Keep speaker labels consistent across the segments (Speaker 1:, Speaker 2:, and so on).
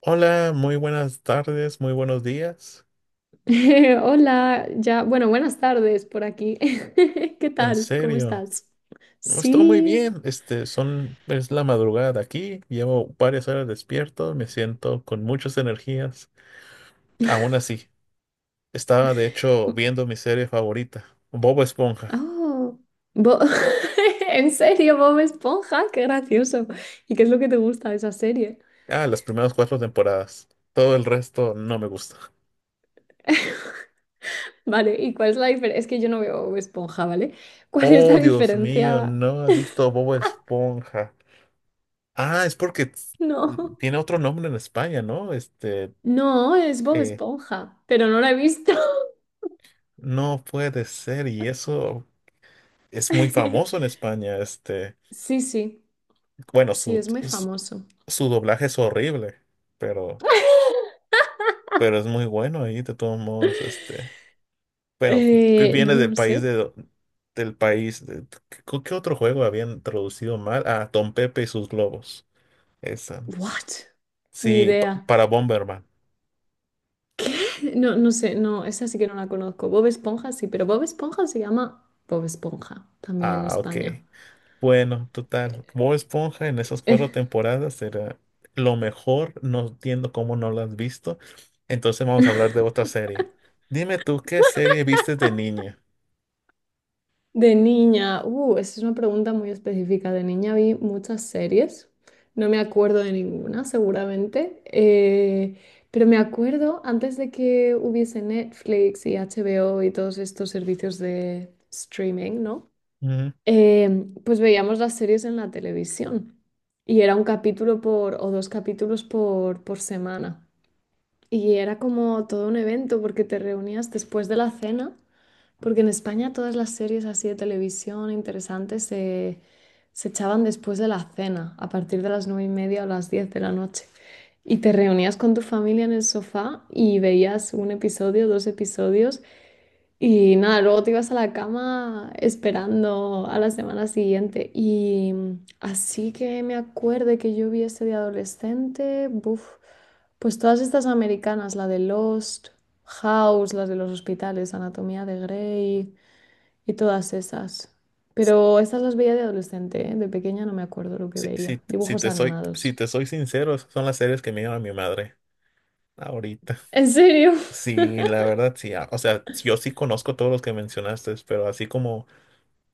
Speaker 1: Hola, muy buenas tardes, muy buenos días.
Speaker 2: Hola, ya, bueno, buenas tardes por aquí. ¿Qué
Speaker 1: En
Speaker 2: tal? ¿Cómo
Speaker 1: serio,
Speaker 2: estás?
Speaker 1: no, estoy muy
Speaker 2: Sí.
Speaker 1: bien. Este, es la madrugada aquí, llevo varias horas despierto, me siento con muchas energías. Aún así, estaba de hecho viendo mi serie favorita, Bob Esponja.
Speaker 2: Oh, Bo- ¿En serio, Bob Esponja? Qué gracioso. ¿Y qué es lo que te gusta de esa serie?
Speaker 1: Ah, las primeras cuatro temporadas. Todo el resto no me gusta.
Speaker 2: Vale, ¿y cuál es la diferencia? Es que yo no veo Bob Esponja, ¿vale? ¿Cuál es
Speaker 1: Oh,
Speaker 2: la
Speaker 1: Dios mío,
Speaker 2: diferencia?
Speaker 1: no has visto Bob Esponja. Ah, es porque
Speaker 2: No.
Speaker 1: tiene otro nombre en España, ¿no? Este,
Speaker 2: No, es Bob
Speaker 1: eh,
Speaker 2: Esponja, pero no la he visto.
Speaker 1: no puede ser, y eso es muy famoso en España, este,
Speaker 2: Sí, sí,
Speaker 1: bueno,
Speaker 2: sí,
Speaker 1: su,
Speaker 2: es muy
Speaker 1: su,
Speaker 2: famoso.
Speaker 1: su doblaje es horrible, pero, pero es muy bueno ahí, de todos modos, este, bueno,
Speaker 2: Eh, no,
Speaker 1: viene
Speaker 2: no
Speaker 1: del
Speaker 2: no
Speaker 1: país
Speaker 2: sé.
Speaker 1: de, del país, ¿qué otro juego habían traducido mal? Ah, Don Pepe y sus globos, esa,
Speaker 2: What? Ni
Speaker 1: sí,
Speaker 2: idea.
Speaker 1: para Bomberman,
Speaker 2: ¿Qué? No, no sé, no, esa sí que no la conozco. Bob Esponja sí, pero Bob Esponja se llama Bob Esponja, también en
Speaker 1: ah, ok.
Speaker 2: España.
Speaker 1: Bueno, total, Bob Esponja en esas cuatro temporadas era lo mejor, no entiendo cómo no lo has visto. Entonces vamos a hablar de otra serie. Dime tú, ¿qué serie viste de niña?
Speaker 2: De niña, esa es una pregunta muy específica. De niña vi muchas series, no me acuerdo de ninguna, seguramente, pero me acuerdo antes de que hubiese Netflix y HBO y todos estos servicios de streaming, ¿no?
Speaker 1: Ujú.
Speaker 2: Pues veíamos las series en la televisión y era un capítulo por o dos capítulos por semana. Y era como todo un evento porque te reunías después de la cena, porque en España todas las series así de televisión interesantes se echaban después de la cena, a partir de las 9:30 o las 10 de la noche. Y te reunías con tu familia en el sofá y veías un episodio, dos episodios y nada, luego te ibas a la cama esperando a la semana siguiente. Y así que me acuerde que yo vi este de adolescente, buf, pues todas estas americanas, la de Lost, House, las de los hospitales, Anatomía de Grey y todas esas. Pero estas las veía de adolescente, ¿eh? De pequeña no me acuerdo lo que
Speaker 1: Si,
Speaker 2: veía.
Speaker 1: si- si
Speaker 2: Dibujos
Speaker 1: te soy, si
Speaker 2: animados.
Speaker 1: te soy sincero, esas son las series que me llama mi madre ahorita.
Speaker 2: ¿En serio?
Speaker 1: Sí, la verdad, sí. O sea, yo sí conozco todos los que mencionaste, pero así como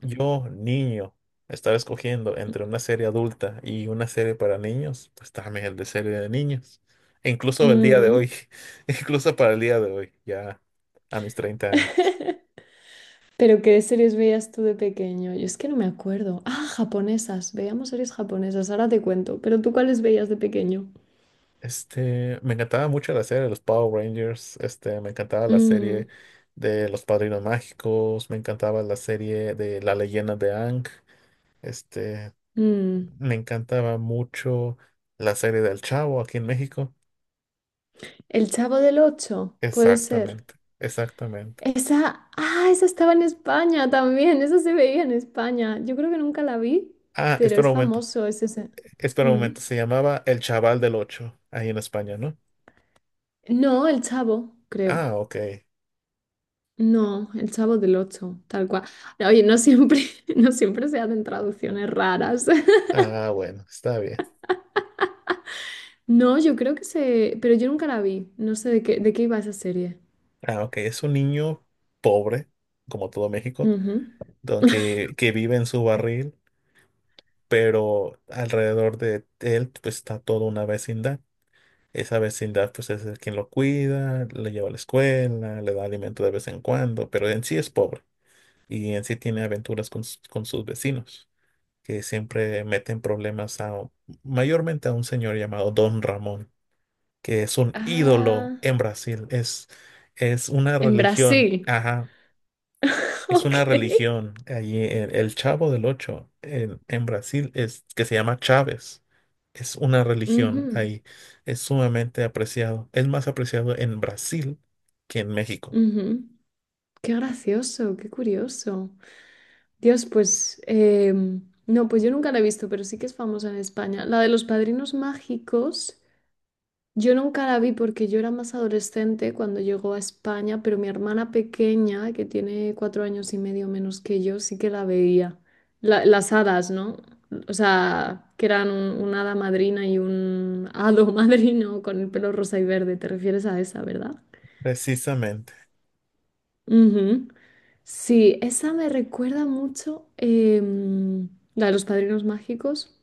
Speaker 1: yo, niño, estar escogiendo entre una serie adulta y una serie para niños, pues dame el de serie de niños. E incluso el día de hoy,
Speaker 2: Mm.
Speaker 1: incluso para el día de hoy, ya a mis 30 años.
Speaker 2: Pero ¿qué series veías tú de pequeño? Yo es que no me acuerdo. Ah, japonesas. Veíamos series japonesas. Ahora te cuento. Pero ¿tú cuáles veías de pequeño?
Speaker 1: Este, me encantaba mucho la serie de los Power Rangers, este, me encantaba la
Speaker 2: Mm,
Speaker 1: serie de los Padrinos Mágicos, me encantaba la serie de La Leyenda de Aang, este,
Speaker 2: mm.
Speaker 1: me encantaba mucho la serie del Chavo aquí en México.
Speaker 2: El Chavo del Ocho, puede ser.
Speaker 1: Exactamente, exactamente.
Speaker 2: Esa, ah, esa estaba en España también. Esa se veía en España. Yo creo que nunca la vi,
Speaker 1: Ah,
Speaker 2: pero
Speaker 1: espera
Speaker 2: es
Speaker 1: un momento.
Speaker 2: famoso. Es ese.
Speaker 1: Espera un
Speaker 2: Mm.
Speaker 1: momento. Se llamaba El Chaval del Ocho, ahí en España, ¿no?
Speaker 2: No, El Chavo, creo.
Speaker 1: Ah, ok.
Speaker 2: No, El Chavo del Ocho, tal cual. Oye, no siempre, no siempre se hacen traducciones raras.
Speaker 1: Ah, bueno, está bien.
Speaker 2: No, yo creo que se... Pero yo nunca la vi. No sé de qué iba esa serie.
Speaker 1: Ah, ok. Es un niño pobre, como todo México,
Speaker 2: Ujú.
Speaker 1: que vive en su barril, pero alrededor de él pues, está toda una vecindad. Esa vecindad pues es el quien lo cuida, le lleva a la escuela, le da alimento de vez en cuando, pero en sí es pobre y en sí tiene aventuras con sus vecinos, que siempre meten problemas mayormente a un señor llamado Don Ramón, que es un ídolo
Speaker 2: Ah,
Speaker 1: en Brasil, es una
Speaker 2: en
Speaker 1: religión,
Speaker 2: Brasil.
Speaker 1: ajá, es una
Speaker 2: Ok.
Speaker 1: religión allí en el Chavo del Ocho en Brasil es que se llama Chávez. Es una religión
Speaker 2: Ujú,
Speaker 1: ahí, es sumamente apreciado, es más apreciado en Brasil que en México,
Speaker 2: ujú. Qué gracioso, qué curioso. Dios, pues, no, pues yo nunca la he visto, pero sí que es famosa en España. La de los padrinos mágicos. Yo nunca la vi porque yo era más adolescente cuando llegó a España, pero mi hermana pequeña, que tiene 4 años y medio menos que yo, sí que la veía. Las hadas, ¿no? O sea, que eran una hada madrina y un hado madrino con el pelo rosa y verde. ¿Te refieres a esa, verdad?
Speaker 1: precisamente.
Speaker 2: Ujú. Sí, esa me recuerda mucho, la de los padrinos mágicos,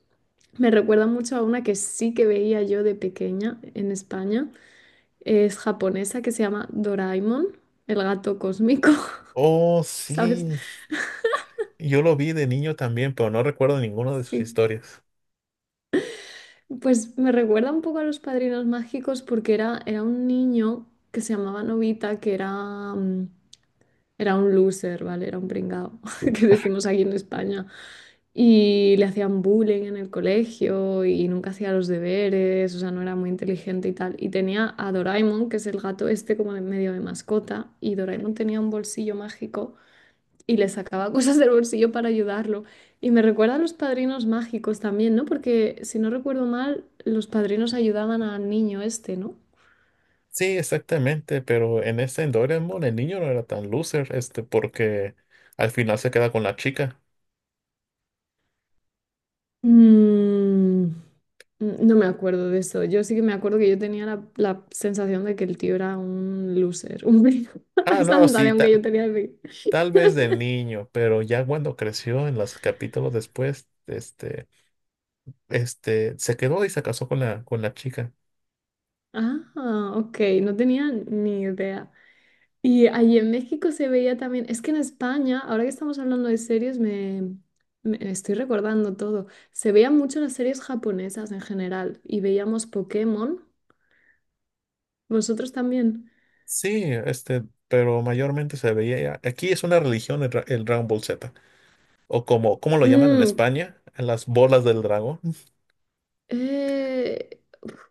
Speaker 2: me recuerda mucho a una que sí que veía yo de pequeña en España, es japonesa que se llama Doraemon, el gato cósmico,
Speaker 1: Oh,
Speaker 2: ¿sabes?
Speaker 1: sí, yo lo vi de niño también, pero no recuerdo ninguna de sus
Speaker 2: Sí.
Speaker 1: historias.
Speaker 2: Pues me recuerda un poco a los padrinos mágicos porque era un niño que se llamaba Novita, que era un loser, ¿vale? Era un pringao, que decimos aquí en España. Y le hacían bullying en el colegio y nunca hacía los deberes, o sea, no era muy inteligente y tal. Y tenía a Doraemon, que es el gato este como de medio de mascota, y Doraemon tenía un bolsillo mágico y le sacaba cosas del bolsillo para ayudarlo. Y me recuerda a los padrinos mágicos también, ¿no? Porque si no recuerdo mal, los padrinos ayudaban al niño este, ¿no?
Speaker 1: Sí, exactamente, pero en Doraemon el niño no era tan loser, este, porque al final se queda con la chica.
Speaker 2: Mm, no me acuerdo de eso. Yo sí que me acuerdo que yo tenía la sensación de que el tío era un loser, un
Speaker 1: Ah,
Speaker 2: Esa
Speaker 1: no, sí,
Speaker 2: sensación
Speaker 1: tal,
Speaker 2: que yo tenía de...
Speaker 1: tal vez de niño, pero ya cuando creció en los capítulos después, este, se quedó y se casó con la chica.
Speaker 2: Ah, ok, no tenía ni idea. Y allí en México se veía también, es que en España, ahora que estamos hablando de series, me estoy recordando todo. Se veían mucho las series japonesas en general y veíamos Pokémon. ¿Vosotros también?
Speaker 1: Sí, este, pero mayormente se veía ya. Aquí es una religión el, el Dragon Ball Z, o como, ¿cómo lo llaman en
Speaker 2: Mm,
Speaker 1: España? Las bolas del dragón.
Speaker 2: eh,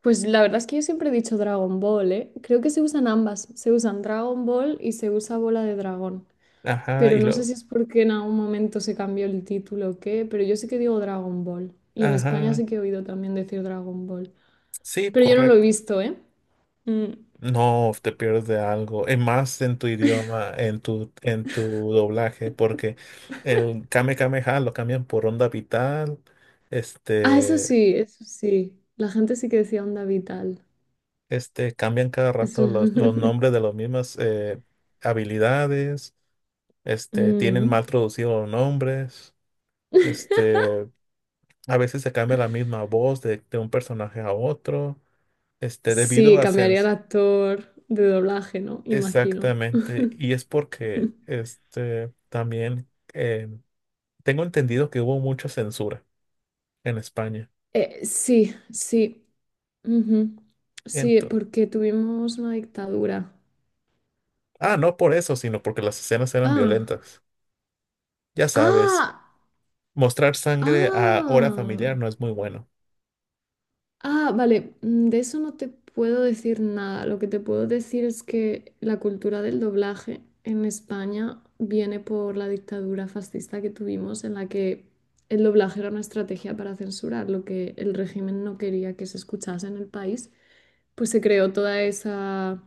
Speaker 2: pues la verdad es que yo siempre he dicho Dragon Ball, ¿eh? Creo que se usan ambas. Se usan Dragon Ball y se usa Bola de Dragón.
Speaker 1: Ajá,
Speaker 2: Pero no sé si es porque en algún momento se cambió el título o qué, pero yo sí que digo Dragon Ball. Y en España
Speaker 1: ajá,
Speaker 2: sí que he oído también decir Dragon Ball.
Speaker 1: sí,
Speaker 2: Pero yo no lo he
Speaker 1: correcto.
Speaker 2: visto, ¿eh? Mm,
Speaker 1: No, te pierdes de algo. Es más en tu idioma, en tu doblaje, porque el Kame Kame Ha lo cambian por Onda Vital.
Speaker 2: Ah, eso
Speaker 1: Este,
Speaker 2: sí, eso sí. La gente sí que decía onda vital.
Speaker 1: cambian cada
Speaker 2: Eso.
Speaker 1: rato los nombres de las mismas habilidades. Este, tienen
Speaker 2: Mm.
Speaker 1: mal traducidos los nombres. Este, a veces se cambia la misma voz de un personaje a otro. Este, debido
Speaker 2: Sí,
Speaker 1: a
Speaker 2: cambiaría el
Speaker 1: sens.
Speaker 2: actor de doblaje, ¿no? Imagino.
Speaker 1: Exactamente. Y es porque este también. Tengo entendido que hubo mucha censura en España.
Speaker 2: Sí, sí. Ujú. Sí,
Speaker 1: Entonces,
Speaker 2: porque tuvimos una dictadura.
Speaker 1: ah, no por eso, sino porque las escenas eran
Speaker 2: Ah,
Speaker 1: violentas. Ya sabes,
Speaker 2: ah,
Speaker 1: mostrar sangre a hora familiar
Speaker 2: ah.
Speaker 1: no es muy bueno.
Speaker 2: Ah, vale, de eso no te puedo decir nada. Lo que te puedo decir es que la cultura del doblaje en España viene por la dictadura fascista que tuvimos, en la que el doblaje era una estrategia para censurar lo que el régimen no quería que se escuchase en el país. Pues se creó toda esa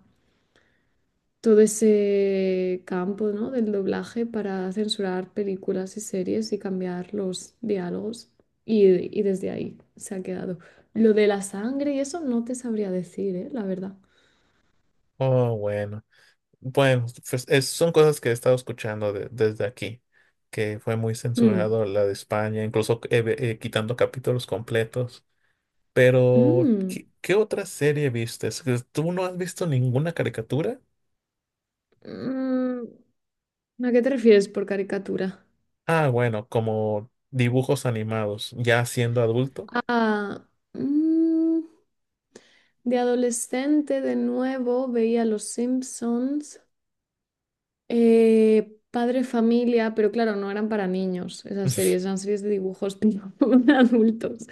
Speaker 2: todo ese campo, ¿no? del doblaje para censurar películas y series y cambiar los diálogos y, y desde ahí se ha quedado. Lo de la sangre y eso no te sabría decir, ¿eh? La verdad.
Speaker 1: Oh, bueno. Bueno, pues, son cosas que he estado escuchando desde aquí, que fue muy
Speaker 2: Mm,
Speaker 1: censurado la de España, incluso quitando capítulos completos. Pero,
Speaker 2: mm,
Speaker 1: ¿qué otra serie viste? ¿Tú no has visto ninguna caricatura?
Speaker 2: mm. ¿A qué te refieres por caricatura?
Speaker 1: Ah, bueno, como dibujos animados, ya siendo adulto.
Speaker 2: Ah, mm, de adolescente de nuevo veía Los Simpsons. Padre Familia, pero claro, no eran para niños esas series, eran series de dibujos tipo de adultos.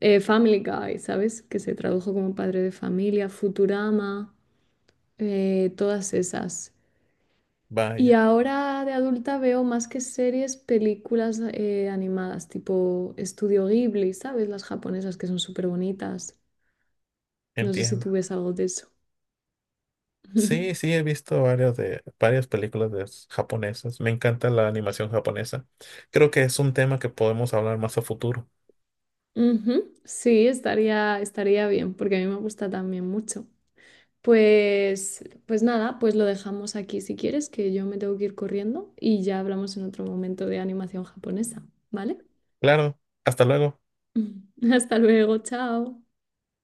Speaker 2: Family Guy, ¿sabes? Que se tradujo como Padre de Familia, Futurama, todas esas. Y
Speaker 1: Vaya,
Speaker 2: ahora de adulta veo más que series, películas animadas, tipo Estudio Ghibli, ¿sabes? Las japonesas que son súper bonitas. No sé si
Speaker 1: entiendo.
Speaker 2: tú ves algo de eso.
Speaker 1: Sí, sí, he visto varias de varias películas de japonesas. Me encanta la animación japonesa. Creo que es un tema que podemos hablar más a futuro.
Speaker 2: Ujú, sí, estaría bien, porque a mí me gusta también mucho. Pues nada, pues lo dejamos aquí si quieres, que yo me tengo que ir corriendo y ya hablamos en otro momento de animación japonesa, ¿vale?
Speaker 1: Claro, hasta luego.
Speaker 2: Hasta luego, chao.